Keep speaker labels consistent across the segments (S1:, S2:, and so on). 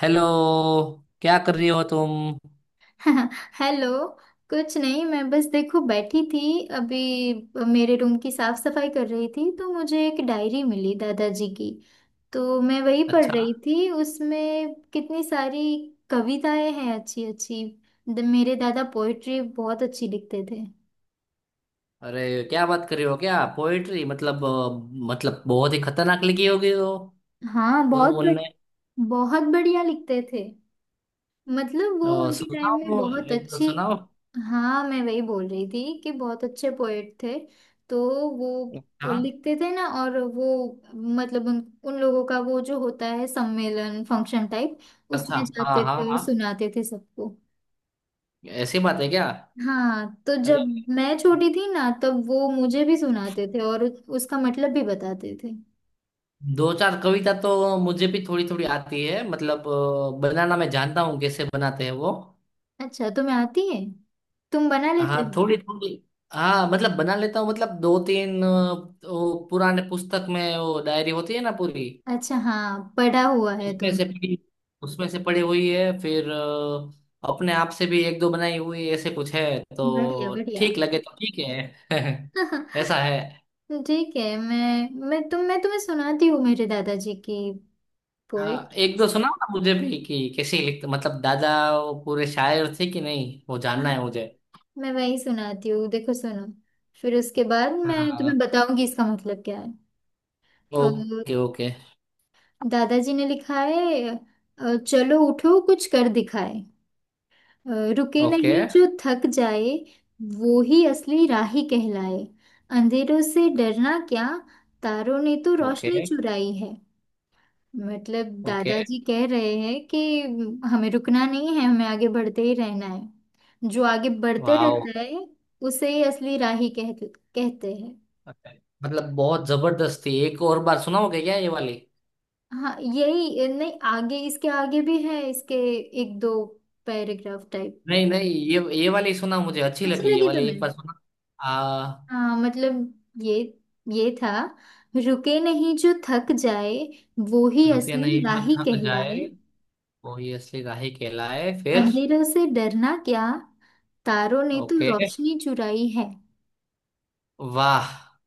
S1: Hello. क्या कर रही हो तुम।
S2: हेलो। कुछ नहीं, मैं बस देखो बैठी थी अभी। मेरे रूम की साफ सफाई कर रही थी तो मुझे एक डायरी मिली दादाजी की। तो मैं वही पढ़
S1: अच्छा।
S2: रही थी, उसमें कितनी सारी कविताएं हैं, अच्छी अच्छी। मेरे दादा पोइट्री बहुत अच्छी लिखते थे।
S1: अरे, क्या बात कर रही हो! क्या पोएट्री, मतलब बहुत ही खतरनाक लिखी होगी वो।
S2: हाँ,
S1: उनने।
S2: बहुत बढ़िया लिखते थे। मतलब वो उनके टाइम में
S1: सुनाओ।
S2: बहुत
S1: एक दो
S2: अच्छे।
S1: सुनाओ।
S2: हाँ, मैं वही बोल रही थी कि बहुत अच्छे पोएट थे। तो वो
S1: हाँ।
S2: लिखते थे ना, और वो मतलब उन उन लोगों का वो जो होता है सम्मेलन फंक्शन टाइप,
S1: अच्छा,
S2: उसमें
S1: हाँ,
S2: जाते
S1: हाँ,
S2: थे और
S1: हाँ।
S2: सुनाते थे सबको।
S1: ऐसी बात है क्या?
S2: हाँ, तो
S1: अरे,
S2: जब मैं छोटी थी ना, तब वो मुझे भी सुनाते थे और उसका मतलब भी बताते थे।
S1: दो चार कविता तो मुझे भी थोड़ी थोड़ी आती है, मतलब बनाना मैं जानता हूँ, कैसे बनाते हैं वो।
S2: अच्छा, तुम्हें आती है? तुम बना लेते
S1: हाँ,
S2: हो?
S1: थोड़ी थोड़ी। हाँ, मतलब बना लेता हूँ, मतलब दो तीन वो पुराने पुस्तक में वो डायरी होती है ना पूरी।
S2: अच्छा, हाँ, पढ़ा हुआ है
S1: उसमें
S2: तुम।
S1: से पड़ी उसमें से पड़ी हुई है, फिर अपने आप से भी एक दो बनाई हुई ऐसे कुछ है।
S2: बढ़िया
S1: तो
S2: बढ़िया।
S1: ठीक लगे तो ठीक है। ऐसा है।
S2: ठीक है, मैं तुम्हें सुनाती हूँ मेरे दादाजी की
S1: हाँ,
S2: पोएट।
S1: एक दो सुनाओ ना मुझे भी, कि कैसे लिखते मतलब दादा। वो पूरे शायर थे कि नहीं, वो
S2: हाँ,
S1: जानना है मुझे।
S2: मैं वही सुनाती हूँ, देखो सुनो। फिर उसके बाद मैं तुम्हें
S1: हाँ।
S2: बताऊंगी इसका मतलब क्या है। अ,
S1: ओके ओके।
S2: दादाजी ने लिखा है, चलो उठो कुछ कर दिखाए। अ, रुके
S1: ओके।
S2: नहीं जो थक जाए, वो ही असली राही कहलाए। अंधेरों से डरना क्या, तारों ने तो
S1: ओके।
S2: रोशनी चुराई है। मतलब
S1: ओके।
S2: दादाजी कह रहे हैं कि हमें रुकना नहीं है, हमें आगे बढ़ते ही रहना है। जो आगे बढ़ते
S1: वाओ।
S2: रहता है उसे ही असली राही कहते हैं।
S1: मतलब बहुत जबरदस्त थी। एक और बार सुनाओगे क्या ये वाली?
S2: हाँ, यही नहीं, आगे इसके आगे भी है इसके। एक दो पैराग्राफ टाइप।
S1: नहीं नहीं, ये वाली सुना, मुझे अच्छी
S2: अच्छी
S1: लगी ये
S2: लगी
S1: वाली,
S2: तुम्हें?
S1: एक बार सुना। आ।
S2: हाँ मतलब, ये ये था। रुके नहीं जो थक जाए, वो ही
S1: रुके
S2: असली
S1: नहीं जो
S2: राही
S1: थक
S2: कहलाए।
S1: जाए, वो ही असली राही कहलाए, फिर।
S2: अंधेरों से डरना क्या, तारों ने तो
S1: ओके।
S2: रोशनी चुराई है।
S1: वाह।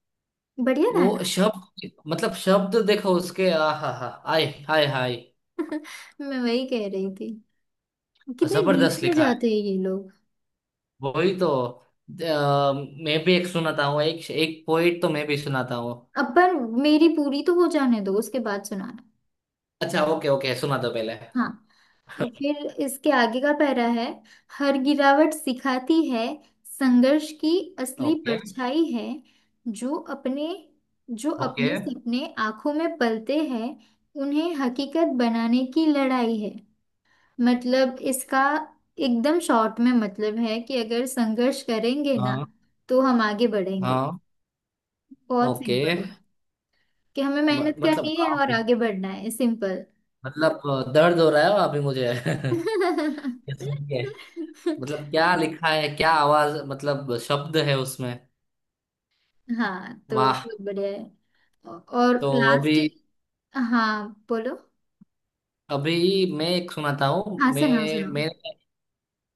S2: बढ़िया था
S1: वो
S2: ना।
S1: शब्द, मतलब शब्द देखो उसके, आ हा हा। आय हाय हाय।
S2: मैं वही कह रही थी, कितने डीप
S1: जबरदस्त
S2: में
S1: लिखा है।
S2: जाते हैं ये लोग।
S1: वही तो मैं भी एक सुनाता हूँ, एक एक पोइट तो मैं भी सुनाता हूँ।
S2: अब पर मेरी पूरी तो हो जाने दो, उसके बाद सुनाना।
S1: अच्छा, ओके ओके, सुना दो पहले।
S2: हाँ, तो फिर इसके आगे का पैरा है। हर गिरावट सिखाती है, संघर्ष की असली
S1: ओके
S2: परछाई है। जो अपने जो
S1: ओके।
S2: अपने सपने आंखों में पलते हैं, उन्हें हकीकत बनाने की लड़ाई है। मतलब इसका एकदम शॉर्ट में मतलब है कि अगर संघर्ष करेंगे ना,
S1: हाँ
S2: तो हम आगे बढ़ेंगे।
S1: हाँ।
S2: बहुत
S1: ओके।
S2: सिंपल है कि हमें मेहनत
S1: मतलब
S2: करनी है और आगे बढ़ना है, सिंपल।
S1: मतलब दर्द हो रहा है अभी मुझे। ये सुन के। मतलब क्या लिखा है, क्या आवाज मतलब शब्द है उसमें।
S2: हाँ, तो
S1: वाह।
S2: बहुत बढ़िया है। और
S1: तो अभी।
S2: लास्ट। हाँ, बोलो।
S1: अभी मैं एक सुनाता हूँ,
S2: हाँ, सुनाओ सुनाओ।
S1: मैं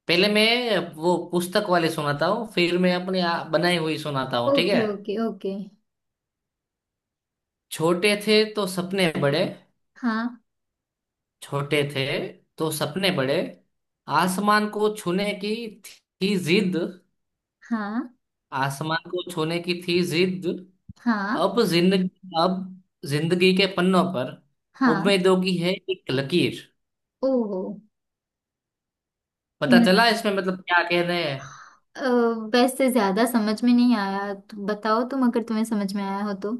S1: पहले मैं वो पुस्तक वाली सुनाता हूँ, फिर मैं अपनी बनाई हुई सुनाता हूँ, ठीक है।
S2: Okay okay okay.
S1: छोटे थे तो सपने बड़े,
S2: हाँ
S1: छोटे थे तो सपने बड़े। आसमान को छूने की थी जिद,
S2: हाँ
S1: आसमान को छूने की थी जिद।
S2: हाँ
S1: अब जिंदगी, अब जिंदगी के पन्नों पर,
S2: हाँ।
S1: उम्मीदों की है एक लकीर।
S2: ओहो।
S1: पता चला इसमें मतलब क्या कह रहे हैं?
S2: अ, वैसे ज्यादा समझ में नहीं आया, तो बताओ तुम, अगर तुम्हें समझ में आया हो तो।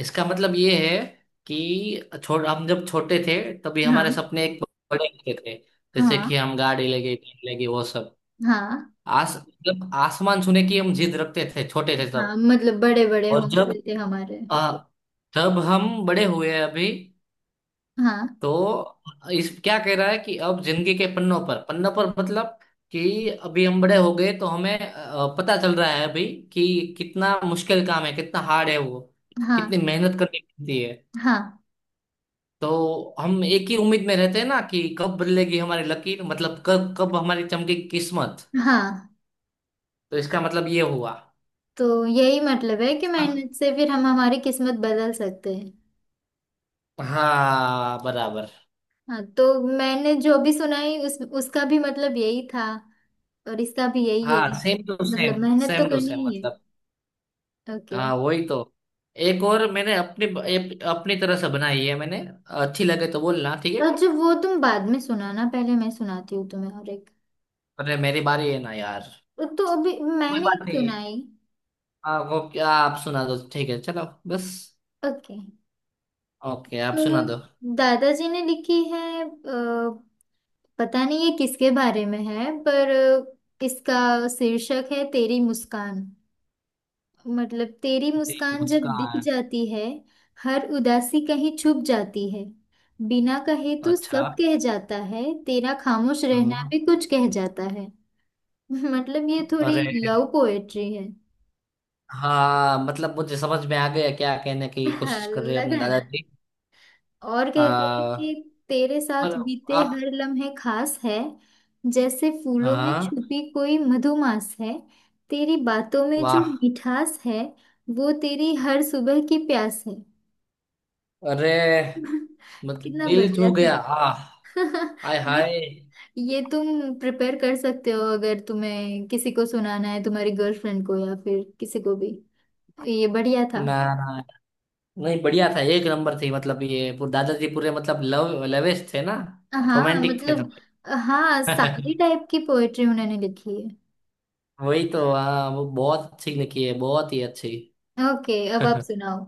S1: इसका मतलब ये है कि छोट हम जब छोटे थे, तभी हमारे
S2: हाँ
S1: सपने एक बड़े होते थे। जैसे
S2: हाँ।
S1: कि हम गाड़ी लेंगे, कार लेंगे, वो सब।
S2: हाँ
S1: आस मतलब आसमान छूने की हम जिद रखते थे छोटे थे
S2: हाँ।
S1: तब।
S2: मतलब बड़े बड़े
S1: और
S2: हौसले थे हमारे।
S1: आ, जब हम बड़े हुए अभी,
S2: हाँ।
S1: तो इस क्या कह रहा है कि अब जिंदगी के पन्नों पर, पन्नों पर मतलब, कि अभी हम बड़े हो गए तो हमें पता चल रहा है अभी, कि कितना मुश्किल काम है, कितना हार्ड है वो, कितनी
S2: हाँ
S1: मेहनत करनी पड़ती है।
S2: हाँ
S1: तो हम एक ही उम्मीद में रहते हैं ना, कि कब बदलेगी हमारी लकीर, मतलब कब कब हमारी चमकेगी किस्मत।
S2: हाँ।
S1: तो इसका मतलब ये हुआ।
S2: तो यही मतलब है कि मेहनत से फिर हम हमारी किस्मत बदल सकते हैं।
S1: हाँ, बराबर।
S2: हाँ, तो मैंने जो भी सुनाई उस उसका भी मतलब यही था। और इसका भी यही
S1: हाँ,
S2: है।
S1: सेम टू
S2: मतलब
S1: सेम,
S2: मेहनत तो
S1: सेम टू
S2: करनी
S1: सेम।
S2: ही है। ओके।
S1: हाँ वही तो। एक और मैंने अपनी तरह से बनाई है मैंने। अच्छी लगे तो बोलना, ठीक है?
S2: और जो वो तुम बाद में सुनाना, पहले मैं सुनाती हूँ तुम्हें और एक।
S1: अरे, मेरी बारी है ना यार!
S2: तो अभी
S1: कोई
S2: मैंने
S1: बात
S2: एक
S1: नहीं है।
S2: सुनाई।
S1: हाँ, वो क्या, आप सुना दो, ठीक है, चलो। बस।
S2: ओके।
S1: ओके, आप सुना
S2: तो
S1: दो।
S2: दादाजी ने लिखी है, पता नहीं ये किसके बारे में है, पर इसका शीर्षक है तेरी मुस्कान। मतलब तेरी
S1: ठीक,
S2: मुस्कान जब दिख
S1: मुस्कान।
S2: जाती है, हर उदासी कहीं छुप जाती है। बिना कहे तो
S1: अच्छा।
S2: सब कह जाता है, तेरा खामोश रहना
S1: हाँ।
S2: भी कुछ कह जाता है। मतलब ये थोड़ी
S1: अरे।
S2: लव पोएट्री है।
S1: हाँ, मतलब मुझे समझ में आ गया क्या कहने की
S2: हाँ,
S1: कोशिश कर रहे हैं अपने
S2: लगा ना।
S1: दादाजी।
S2: और कहते हैं
S1: हाँ।
S2: कि तेरे
S1: पर,
S2: साथ बीते
S1: आप।
S2: हर लम्हे खास है, जैसे फूलों में
S1: हाँ।
S2: छुपी कोई मधुमास है। तेरी बातों में जो
S1: वाह।
S2: मिठास है, वो तेरी हर सुबह की प्यास है।
S1: अरे। मतलब
S2: कितना
S1: दिल
S2: बढ़िया
S1: छू गया,
S2: था।
S1: आह। हाय
S2: ये
S1: हाय।
S2: ये तुम प्रिपेयर कर सकते हो, अगर तुम्हें किसी को सुनाना है, तुम्हारी गर्लफ्रेंड को या फिर किसी को भी। ये बढ़िया था।
S1: ना ना, नहीं बढ़िया था, एक नंबर थी। मतलब ये पूरे दादाजी पूरे मतलब लव लवेश थे ना।
S2: हाँ
S1: रोमांटिक थे
S2: मतलब, हाँ
S1: थोड़े।
S2: सारी टाइप की पोएट्री उन्होंने लिखी
S1: वही तो, हाँ, वो बहुत अच्छी लिखी है, बहुत ही अच्छी।
S2: है। ओके, अब आप सुनाओ।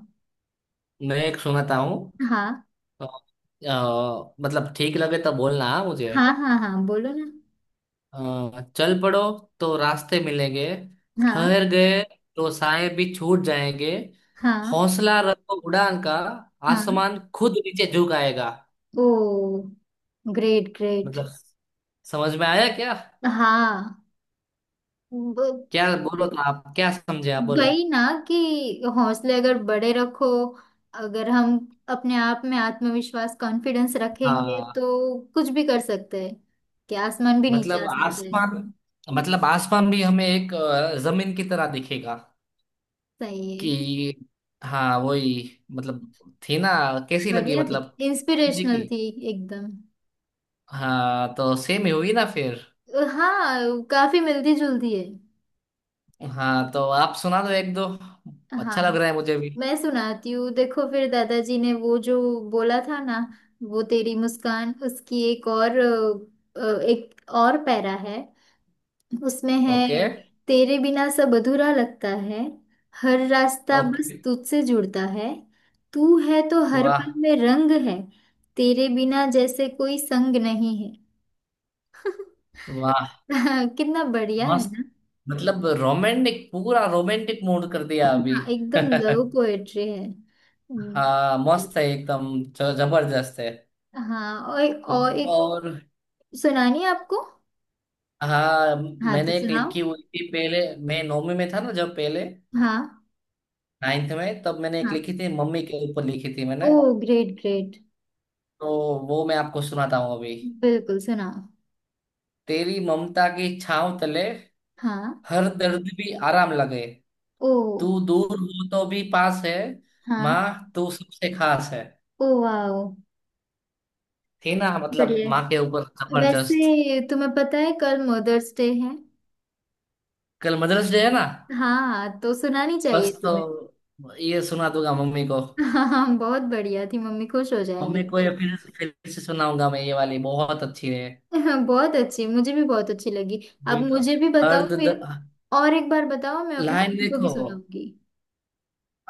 S1: मैं एक सुनाता हूँ।
S2: हाँ
S1: मतलब ठीक लगे तो बोलना हाँ मुझे।
S2: हाँ हाँ। हाँ, बोलो ना।
S1: चल पड़ो तो रास्ते मिलेंगे,
S2: हाँ
S1: ठहर गए तो साए भी छूट जाएंगे,
S2: हाँ
S1: हौसला रखो उड़ान का,
S2: हाँ।
S1: आसमान खुद नीचे झुक आएगा।
S2: Oh, great great.
S1: मतलब समझ में आया क्या?
S2: हाँ। ब-
S1: क्या बोलो तो, आप क्या समझे, आप बोलो।
S2: वही ना कि हौसले अगर बड़े रखो, अगर हम अपने आप में आत्मविश्वास कॉन्फिडेंस रखेंगे
S1: हाँ।
S2: तो कुछ भी कर सकते हैं। कि आसमान भी नीचे आ
S1: मतलब
S2: सकते हैं।
S1: आसमान, भी हमें एक जमीन की तरह दिखेगा,
S2: सही है।
S1: कि हाँ वही मतलब, थी ना, कैसी लगी
S2: बढ़िया थी,
S1: मतलब? जी
S2: इंस्पिरेशनल
S1: की।
S2: थी एकदम।
S1: हाँ तो सेम ही हुई ना फिर।
S2: हाँ, काफी मिलती जुलती है।
S1: हाँ तो आप सुना दो एक दो, अच्छा लग
S2: हाँ,
S1: रहा है मुझे भी।
S2: मैं सुनाती हूँ, देखो। फिर दादाजी ने वो जो बोला था ना, वो तेरी मुस्कान, उसकी एक और एक और पैरा है उसमें
S1: ओके
S2: है। तेरे बिना सब अधूरा लगता है, हर रास्ता बस
S1: ओके।
S2: तुझसे जुड़ता है। तू है तो हर पल
S1: वाह
S2: में रंग है, तेरे बिना जैसे कोई संग नहीं है।
S1: वाह।
S2: कितना बढ़िया है
S1: मस्त।
S2: ना।
S1: मतलब रोमांटिक, पूरा रोमांटिक मूड कर दिया अभी।
S2: हाँ, एकदम लव पोएट्री है।
S1: हाँ, मस्त है एकदम, जबरदस्त है।
S2: हाँ और, एक
S1: और।
S2: सुनानी है आपको।
S1: हाँ।
S2: हाँ, तो
S1: मैंने एक
S2: सुनाओ।
S1: लिखी हुई थी पहले। मैं नौवीं में था ना जब, पहले
S2: हाँ
S1: नाइन्थ में, तब मैंने एक
S2: हाँ।
S1: लिखी थी, मम्मी के ऊपर लिखी थी
S2: ओ,
S1: मैंने।
S2: Great great.
S1: तो वो मैं आपको सुनाता हूँ अभी।
S2: बिल्कुल सुनाओ।
S1: तेरी ममता की छाँव तले,
S2: हाँ।
S1: हर दर्द भी आराम लगे,
S2: ओ।
S1: तू दूर हो तो भी पास है,
S2: हाँ।
S1: माँ तू सबसे खास है।
S2: Oh wow.
S1: थी ना, मतलब
S2: बढ़िया
S1: माँ के ऊपर
S2: है।
S1: जबरदस्त।
S2: वैसे तुम्हें पता है, कल मदर्स डे है।
S1: कल मदर्स डे है ना।
S2: हाँ, तो सुनानी
S1: बस
S2: चाहिए तुम्हें।
S1: तो ये सुना दूंगा मम्मी को।
S2: हाँ हाँ, बहुत बढ़िया थी, मम्मी खुश हो जाएंगे
S1: मम्मी को ये
S2: आपकी।
S1: फिर से सुनाऊंगा, मैं, ये वाली बहुत अच्छी है।
S2: हाँ, बहुत अच्छी, मुझे भी बहुत अच्छी लगी। अब
S1: वही था,
S2: मुझे भी
S1: हर
S2: बताओ
S1: दर्द।
S2: फिर। और एक बार बताओ, मैं अपनी
S1: लाइन
S2: मम्मी को भी
S1: देखो,
S2: सुनाऊंगी।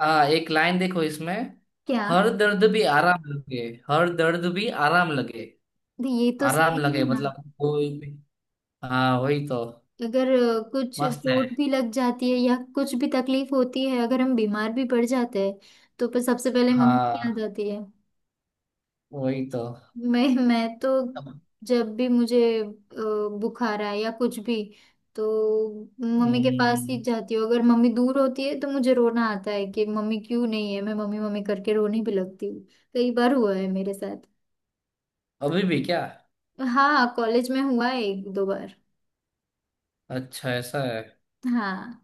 S1: आ, एक लाइन देखो इसमें।
S2: क्या?
S1: हर दर्द भी आराम लगे, हर दर्द भी आराम लगे।
S2: ये तो
S1: आराम
S2: सही है
S1: लगे
S2: ना।
S1: मतलब कोई भी। हाँ वही तो।
S2: अगर कुछ
S1: मस्त है।
S2: चोट भी लग जाती है या कुछ भी तकलीफ होती है, अगर हम बीमार भी पड़ जाते हैं, तो पर सबसे पहले मम्मी की याद
S1: हाँ
S2: आती है।
S1: वही तो।
S2: मैं तो
S1: अब-
S2: जब भी मुझे बुखार आए या कुछ भी, तो मम्मी के पास ही
S1: हम्म।
S2: जाती हूँ। अगर मम्मी दूर होती है तो मुझे रोना आता है कि मम्मी क्यों नहीं है, मैं मम्मी मम्मी करके रोने भी लगती हूँ। कई बार हुआ है मेरे साथ।
S1: अभी भी क्या?
S2: हाँ, कॉलेज में हुआ है एक दो बार।
S1: अच्छा, ऐसा है।
S2: हाँ,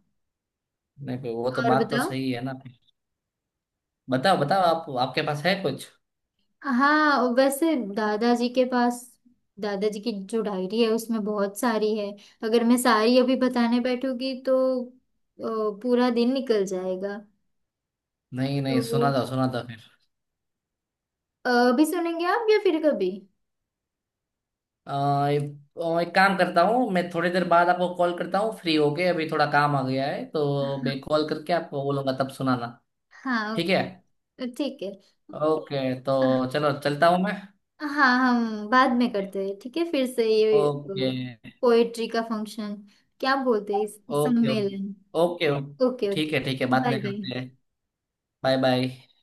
S1: नहीं, वो तो,
S2: और
S1: बात तो
S2: बताओ।
S1: सही है ना। बताओ बताओ, आप आपके पास है कुछ?
S2: हाँ, वैसे दादाजी के पास, दादाजी की जो डायरी है उसमें बहुत सारी है। अगर मैं सारी अभी बताने बैठूंगी तो पूरा दिन निकल जाएगा।
S1: नहीं नहीं,
S2: तो
S1: सुना था, सुना था, फिर।
S2: अभी सुनेंगे आप या फिर कभी।
S1: अ, और एक काम करता हूँ, मैं थोड़ी देर बाद आपको कॉल करता हूँ फ्री होके। अभी थोड़ा काम आ गया है, तो
S2: हाँ
S1: मैं कॉल करके आपको बोलूंगा, तब सुनाना।
S2: हाँ,
S1: ठीक है।
S2: ओके ठीक है।
S1: ओके, तो चलो, चलता हूँ मैं।
S2: हाँ, हम बाद में करते हैं ठीक है, फिर से ये
S1: ओके
S2: पोएट्री का फंक्शन क्या बोलते हैं इस,
S1: ओके
S2: सम्मेलन।
S1: Okay okay.
S2: Okay okay.
S1: ठीक है, ठीक है, बाद
S2: बाय
S1: में करते हैं।
S2: बाय।
S1: Bye bye.